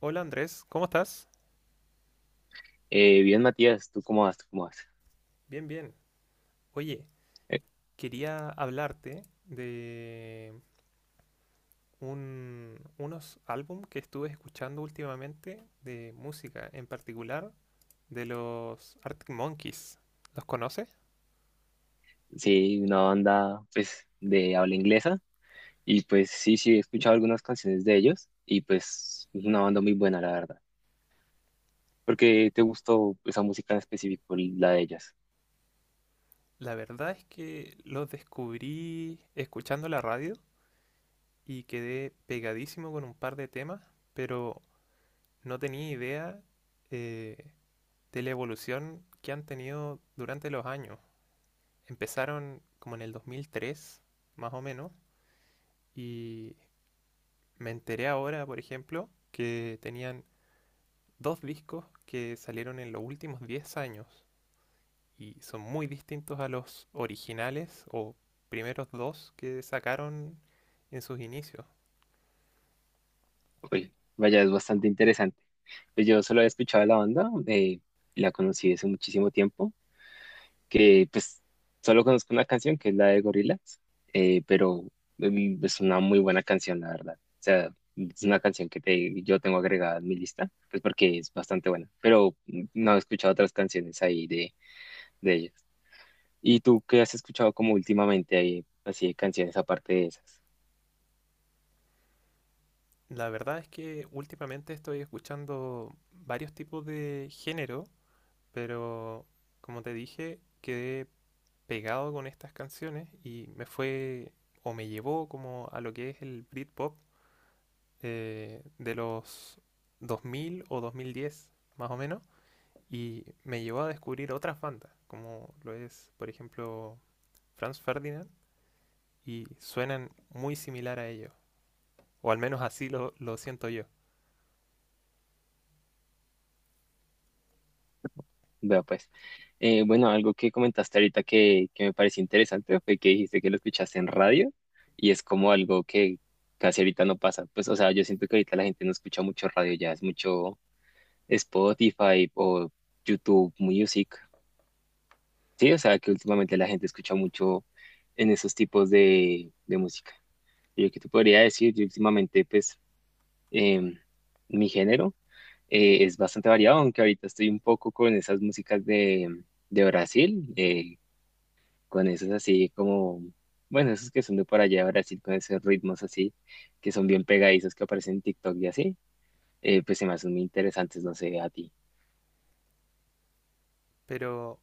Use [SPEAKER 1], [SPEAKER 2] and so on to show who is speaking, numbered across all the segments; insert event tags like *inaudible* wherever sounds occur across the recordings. [SPEAKER 1] Hola Andrés, ¿cómo estás?
[SPEAKER 2] Bien, Matías, ¿tú cómo vas? ¿Tú cómo vas?
[SPEAKER 1] Bien, bien. Oye,
[SPEAKER 2] Eh,
[SPEAKER 1] quería hablarte de unos álbum que estuve escuchando últimamente de música, en particular de los Arctic Monkeys. ¿Los conoces?
[SPEAKER 2] sí, una banda pues de habla inglesa y pues sí, sí, he escuchado algunas canciones de ellos y pues es una banda muy buena, la verdad. ¿Por qué te gustó esa música en específico, la de ellas?
[SPEAKER 1] La verdad es que los descubrí escuchando la radio y quedé pegadísimo con un par de temas, pero no tenía idea eh, de la evolución que han tenido durante los años. Empezaron como en el 2003, más o menos, y me enteré ahora, por ejemplo, que tenían dos discos que salieron en los últimos 10 años y son muy distintos a los originales o primeros dos que sacaron en sus inicios.
[SPEAKER 2] Oye, vaya, es bastante interesante. Pues yo solo he escuchado de la banda, la conocí hace muchísimo tiempo que pues solo conozco una canción que es la de Gorillaz, pero es una muy buena canción, la verdad. O sea, es una canción que te, yo tengo agregada en mi lista, pues porque es bastante buena, pero no he escuchado otras canciones ahí de ellas. ¿Y tú qué has escuchado como últimamente ahí, así de canciones aparte de esas?
[SPEAKER 1] La verdad es que últimamente estoy escuchando varios tipos de género, pero como te dije, quedé pegado con estas canciones y me fue o me llevó como a lo que es el Britpop de los 2000 o 2010 más o menos y me llevó a descubrir otras bandas como lo es por ejemplo Franz Ferdinand y suenan muy similar a ellos o al menos así lo siento yo.
[SPEAKER 2] Vea pues. Bueno, algo que comentaste ahorita que me pareció interesante fue que dijiste que lo escuchaste en radio y es como algo que casi ahorita no pasa. Pues, o sea, yo siento que ahorita la gente no escucha mucho radio ya, es mucho Spotify o YouTube Music. Sí, o sea, que últimamente la gente escucha mucho en esos tipos de música. Y lo que te podría decir, yo últimamente, pues, em, mi género es bastante variado, aunque ahorita estoy un poco con esas músicas de Brasil. Con esos así como, bueno, esos que son de por allá de Brasil, con esos ritmos así, que son bien pegadizos que aparecen en TikTok y así, pues se me hacen muy interesantes, no sé, a ti.
[SPEAKER 1] Pero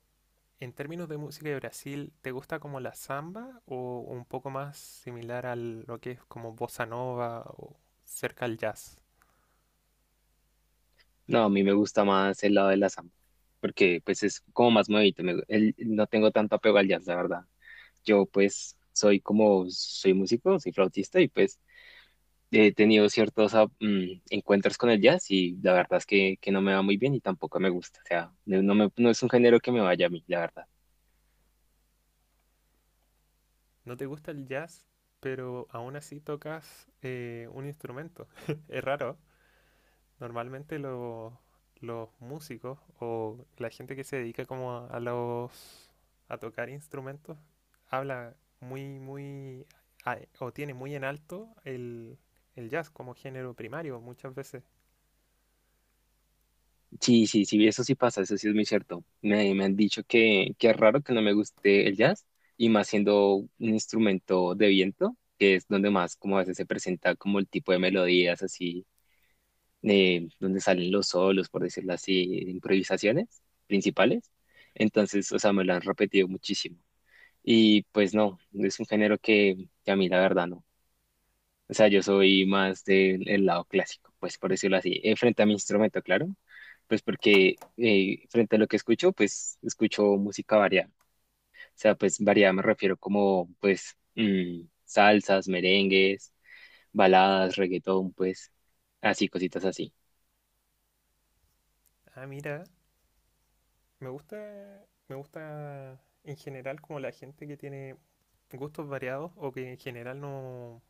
[SPEAKER 1] en términos de música de Brasil, ¿te gusta como la samba o un poco más similar a lo que es como bossa nova o cerca al jazz?
[SPEAKER 2] No, a mí me gusta más el lado de la samba, porque pues es como más movido, no tengo tanto apego al jazz, la verdad. Yo pues soy como, soy músico, soy flautista y pues he tenido ciertos encuentros con el jazz y la verdad es que no me va muy bien y tampoco me gusta, o sea, no, no es un género que me vaya a mí, la verdad.
[SPEAKER 1] No te gusta el jazz, pero aún así tocas un instrumento. *laughs* Es raro. Normalmente los músicos o la gente que se dedica como a los a tocar instrumentos habla muy muy o tiene muy en alto el jazz como género primario muchas veces.
[SPEAKER 2] Sí, sí, sí, eso sí pasa, eso sí es muy cierto. Me han dicho que es raro que no me guste el jazz, y más siendo un instrumento de viento, que es donde más como a veces se presenta como el tipo de melodías así, donde salen los solos, por decirlo así, improvisaciones principales. Entonces, o sea, me lo han repetido muchísimo. Y pues no, es un género que a mí la verdad no. O sea, yo soy más del el lado clásico, pues por decirlo así, frente a mi instrumento, claro, pues porque frente a lo que escucho, pues escucho música variada. O sea, pues variada me refiero como, pues, salsas, merengues, baladas, reggaetón, pues, así, cositas así.
[SPEAKER 1] Ah, mira, me gusta en general como la gente que tiene gustos variados o que en general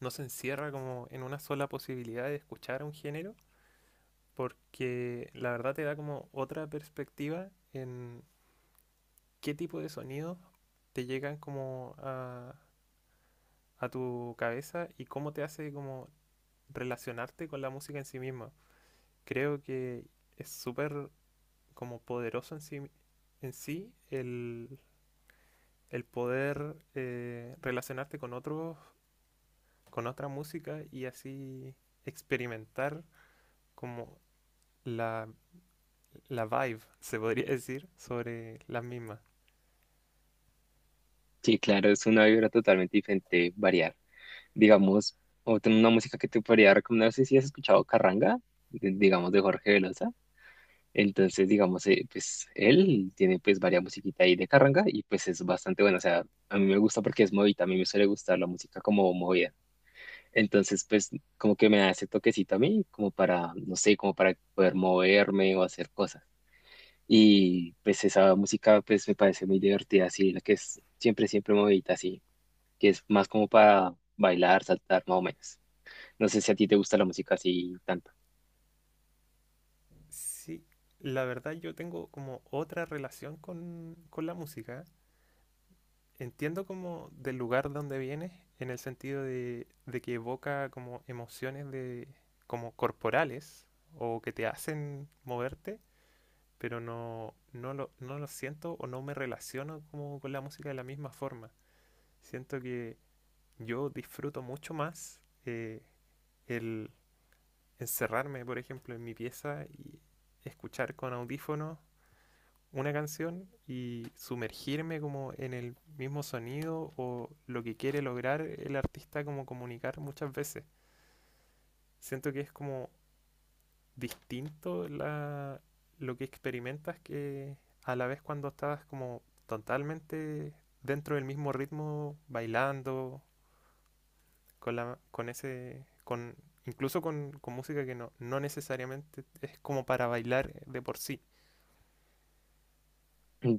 [SPEAKER 1] no se encierra como en una sola posibilidad de escuchar un género, porque la verdad te da como otra perspectiva en qué tipo de sonidos te llegan como a tu cabeza y cómo te hace como relacionarte con la música en sí misma. Creo que es súper como poderoso en sí el poder relacionarte con otros, con otra música y así experimentar como la la vibe, se podría decir, sobre las mismas.
[SPEAKER 2] Sí, claro, es una vibra totalmente diferente variar. Digamos, otra una música que te podría recomendar, no sé si has escuchado Carranga, digamos, de Jorge Velosa. Entonces, digamos, pues él tiene pues varias musiquita ahí de carranga y pues es bastante bueno. O sea, a mí me gusta porque es movida, a mí me suele gustar la música como movida. Entonces, pues como que me da ese toquecito a mí, como para, no sé, como para poder moverme o hacer cosas. Y pues esa música pues me parece muy divertida, así, la que es siempre, siempre movidita, así, que es más como para bailar, saltar, más o menos. No sé si a ti te gusta la música así tanto.
[SPEAKER 1] Sí, la verdad yo tengo como otra relación con la música. Entiendo como del lugar donde viene, en el sentido de que evoca como emociones de, como corporales o que te hacen moverte, pero no lo siento o no me relaciono como con la música de la misma forma. Siento que yo disfruto mucho más el encerrarme, por ejemplo, en mi pieza y escuchar con audífonos una canción y sumergirme como en el mismo sonido o lo que quiere lograr el artista como comunicar muchas veces. Siento que es como distinto lo que experimentas que a la vez cuando estás como totalmente dentro del mismo ritmo bailando con incluso con música que no necesariamente es como para bailar de por sí.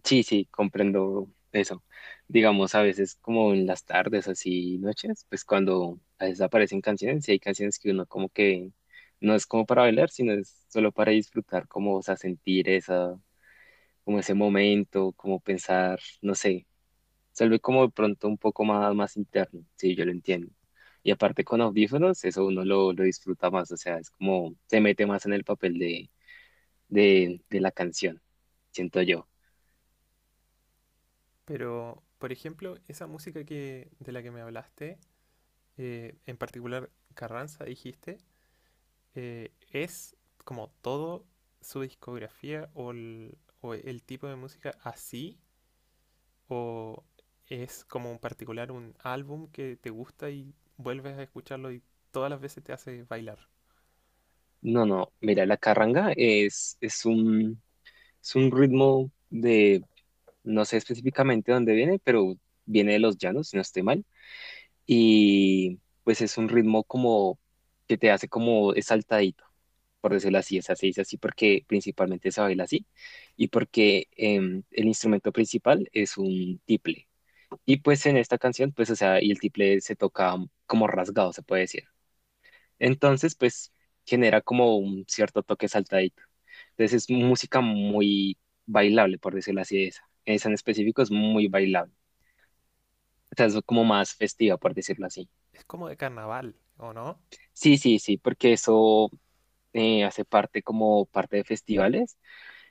[SPEAKER 2] Sí, sí, comprendo eso. Digamos, a veces como en las tardes, así noches, pues cuando a veces aparecen canciones, y hay canciones que uno como que no es como para bailar, sino es solo para disfrutar, como, o sea, sentir esa, como ese momento, como pensar, no sé, se vuelve como de pronto un poco más, más interno, sí, yo lo entiendo. Y aparte con audífonos, eso uno lo disfruta más, o sea, es como se mete más en el papel de la canción, siento yo.
[SPEAKER 1] Pero, por ejemplo, esa música que, de la que me hablaste, en particular Carranza, dijiste, es como todo su discografía o o el tipo de música así, o es como en particular un álbum que te gusta y vuelves a escucharlo y todas las veces te hace bailar.
[SPEAKER 2] No, no, mira, la carranga es un ritmo de, no sé específicamente dónde viene, pero viene de los llanos, si no estoy mal, y pues es un ritmo como que te hace como saltadito, por decirlo así, o sea, se dice así porque principalmente se baila así, y porque el instrumento principal es un tiple, y pues en esta canción, pues, o sea, y el tiple se toca como rasgado, se puede decir. Entonces, pues genera como un cierto toque saltadito. Entonces es música muy bailable, por decirlo así, esa. Esa en específico es muy bailable. O sea, es como más festiva, por decirlo así.
[SPEAKER 1] Es como de carnaval, ¿o no?
[SPEAKER 2] Sí, sí, sí, porque eso hace parte como parte de festivales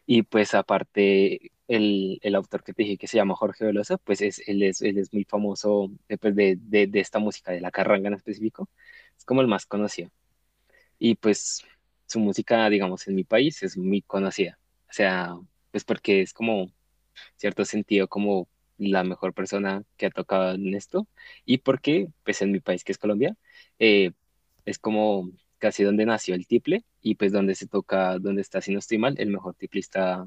[SPEAKER 2] y pues aparte el autor que te dije que se llama Jorge Velosa, pues es, él es muy famoso pues, de esta música, de la carranga en específico. Es como el más conocido. Y pues su música, digamos, en mi país es muy conocida. O sea, pues porque es como, cierto sentido, como la mejor persona que ha tocado en esto. Y porque, pues en mi país, que es Colombia, eh, es como casi donde nació el tiple y pues donde se toca, donde está, si no estoy mal, el mejor tiplista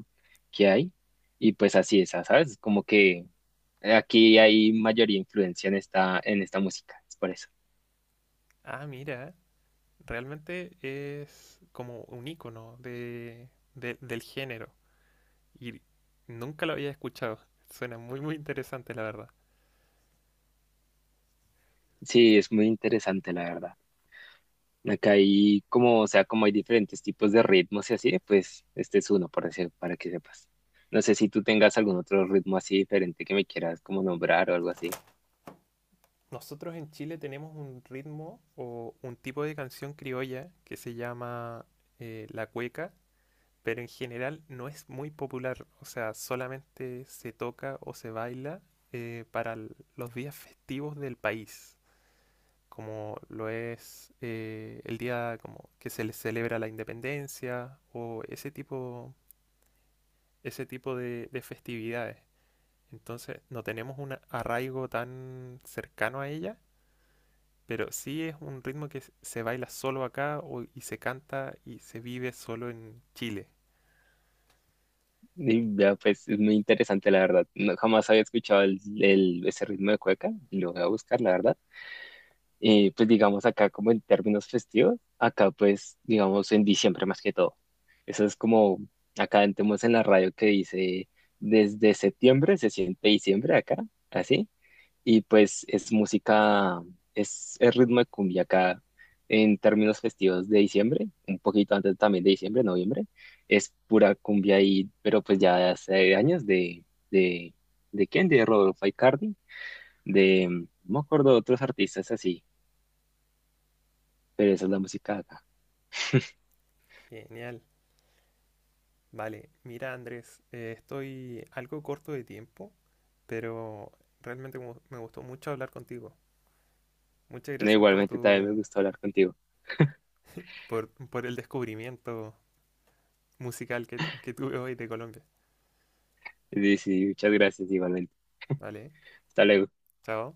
[SPEAKER 2] que hay. Y pues así es, ¿sabes? Como que aquí hay mayoría influencia en esta música, es por eso.
[SPEAKER 1] Ah, mira, realmente es como un icono de, del género y nunca lo había escuchado. Suena muy, muy interesante, la verdad.
[SPEAKER 2] Sí, es muy interesante, la verdad. Acá hay como, o sea, como hay diferentes tipos de ritmos y así, pues este es uno para, decir para que sepas. No sé si tú tengas algún otro ritmo así diferente que me quieras como nombrar o algo así.
[SPEAKER 1] Nosotros en Chile tenemos un ritmo o un tipo de canción criolla que se llama la cueca, pero en general no es muy popular, o sea, solamente se toca o se baila para los días festivos del país, como lo es el día como que se le celebra la independencia o ese tipo de festividades. Entonces no tenemos un arraigo tan cercano a ella, pero sí es un ritmo que se baila solo acá y se canta y se vive solo en Chile.
[SPEAKER 2] Y ya, pues es muy interesante, la verdad. No, jamás había escuchado ese ritmo de cueca, y lo voy a buscar, la verdad. Y pues digamos acá como en términos festivos, acá pues digamos en diciembre más que todo. Eso es como, acá tenemos en la radio que dice, desde septiembre se siente diciembre acá, así. Y pues es música, es el ritmo de cumbia acá en términos festivos de diciembre, un poquito antes también de diciembre, noviembre, es pura cumbia ahí, pero pues ya de hace años de, ¿de quién? De Rodolfo Aicardi, de, no me acuerdo de otros artistas así, pero esa es la música acá.
[SPEAKER 1] Genial. Vale, mira Andrés, estoy algo corto de tiempo, pero realmente me gustó mucho hablar contigo. Muchas
[SPEAKER 2] No,
[SPEAKER 1] gracias por
[SPEAKER 2] igualmente también me gustó hablar contigo.
[SPEAKER 1] por el descubrimiento musical que tuve hoy de Colombia.
[SPEAKER 2] Sí, sí, muchas gracias, igualmente.
[SPEAKER 1] Vale,
[SPEAKER 2] Hasta luego.
[SPEAKER 1] chao.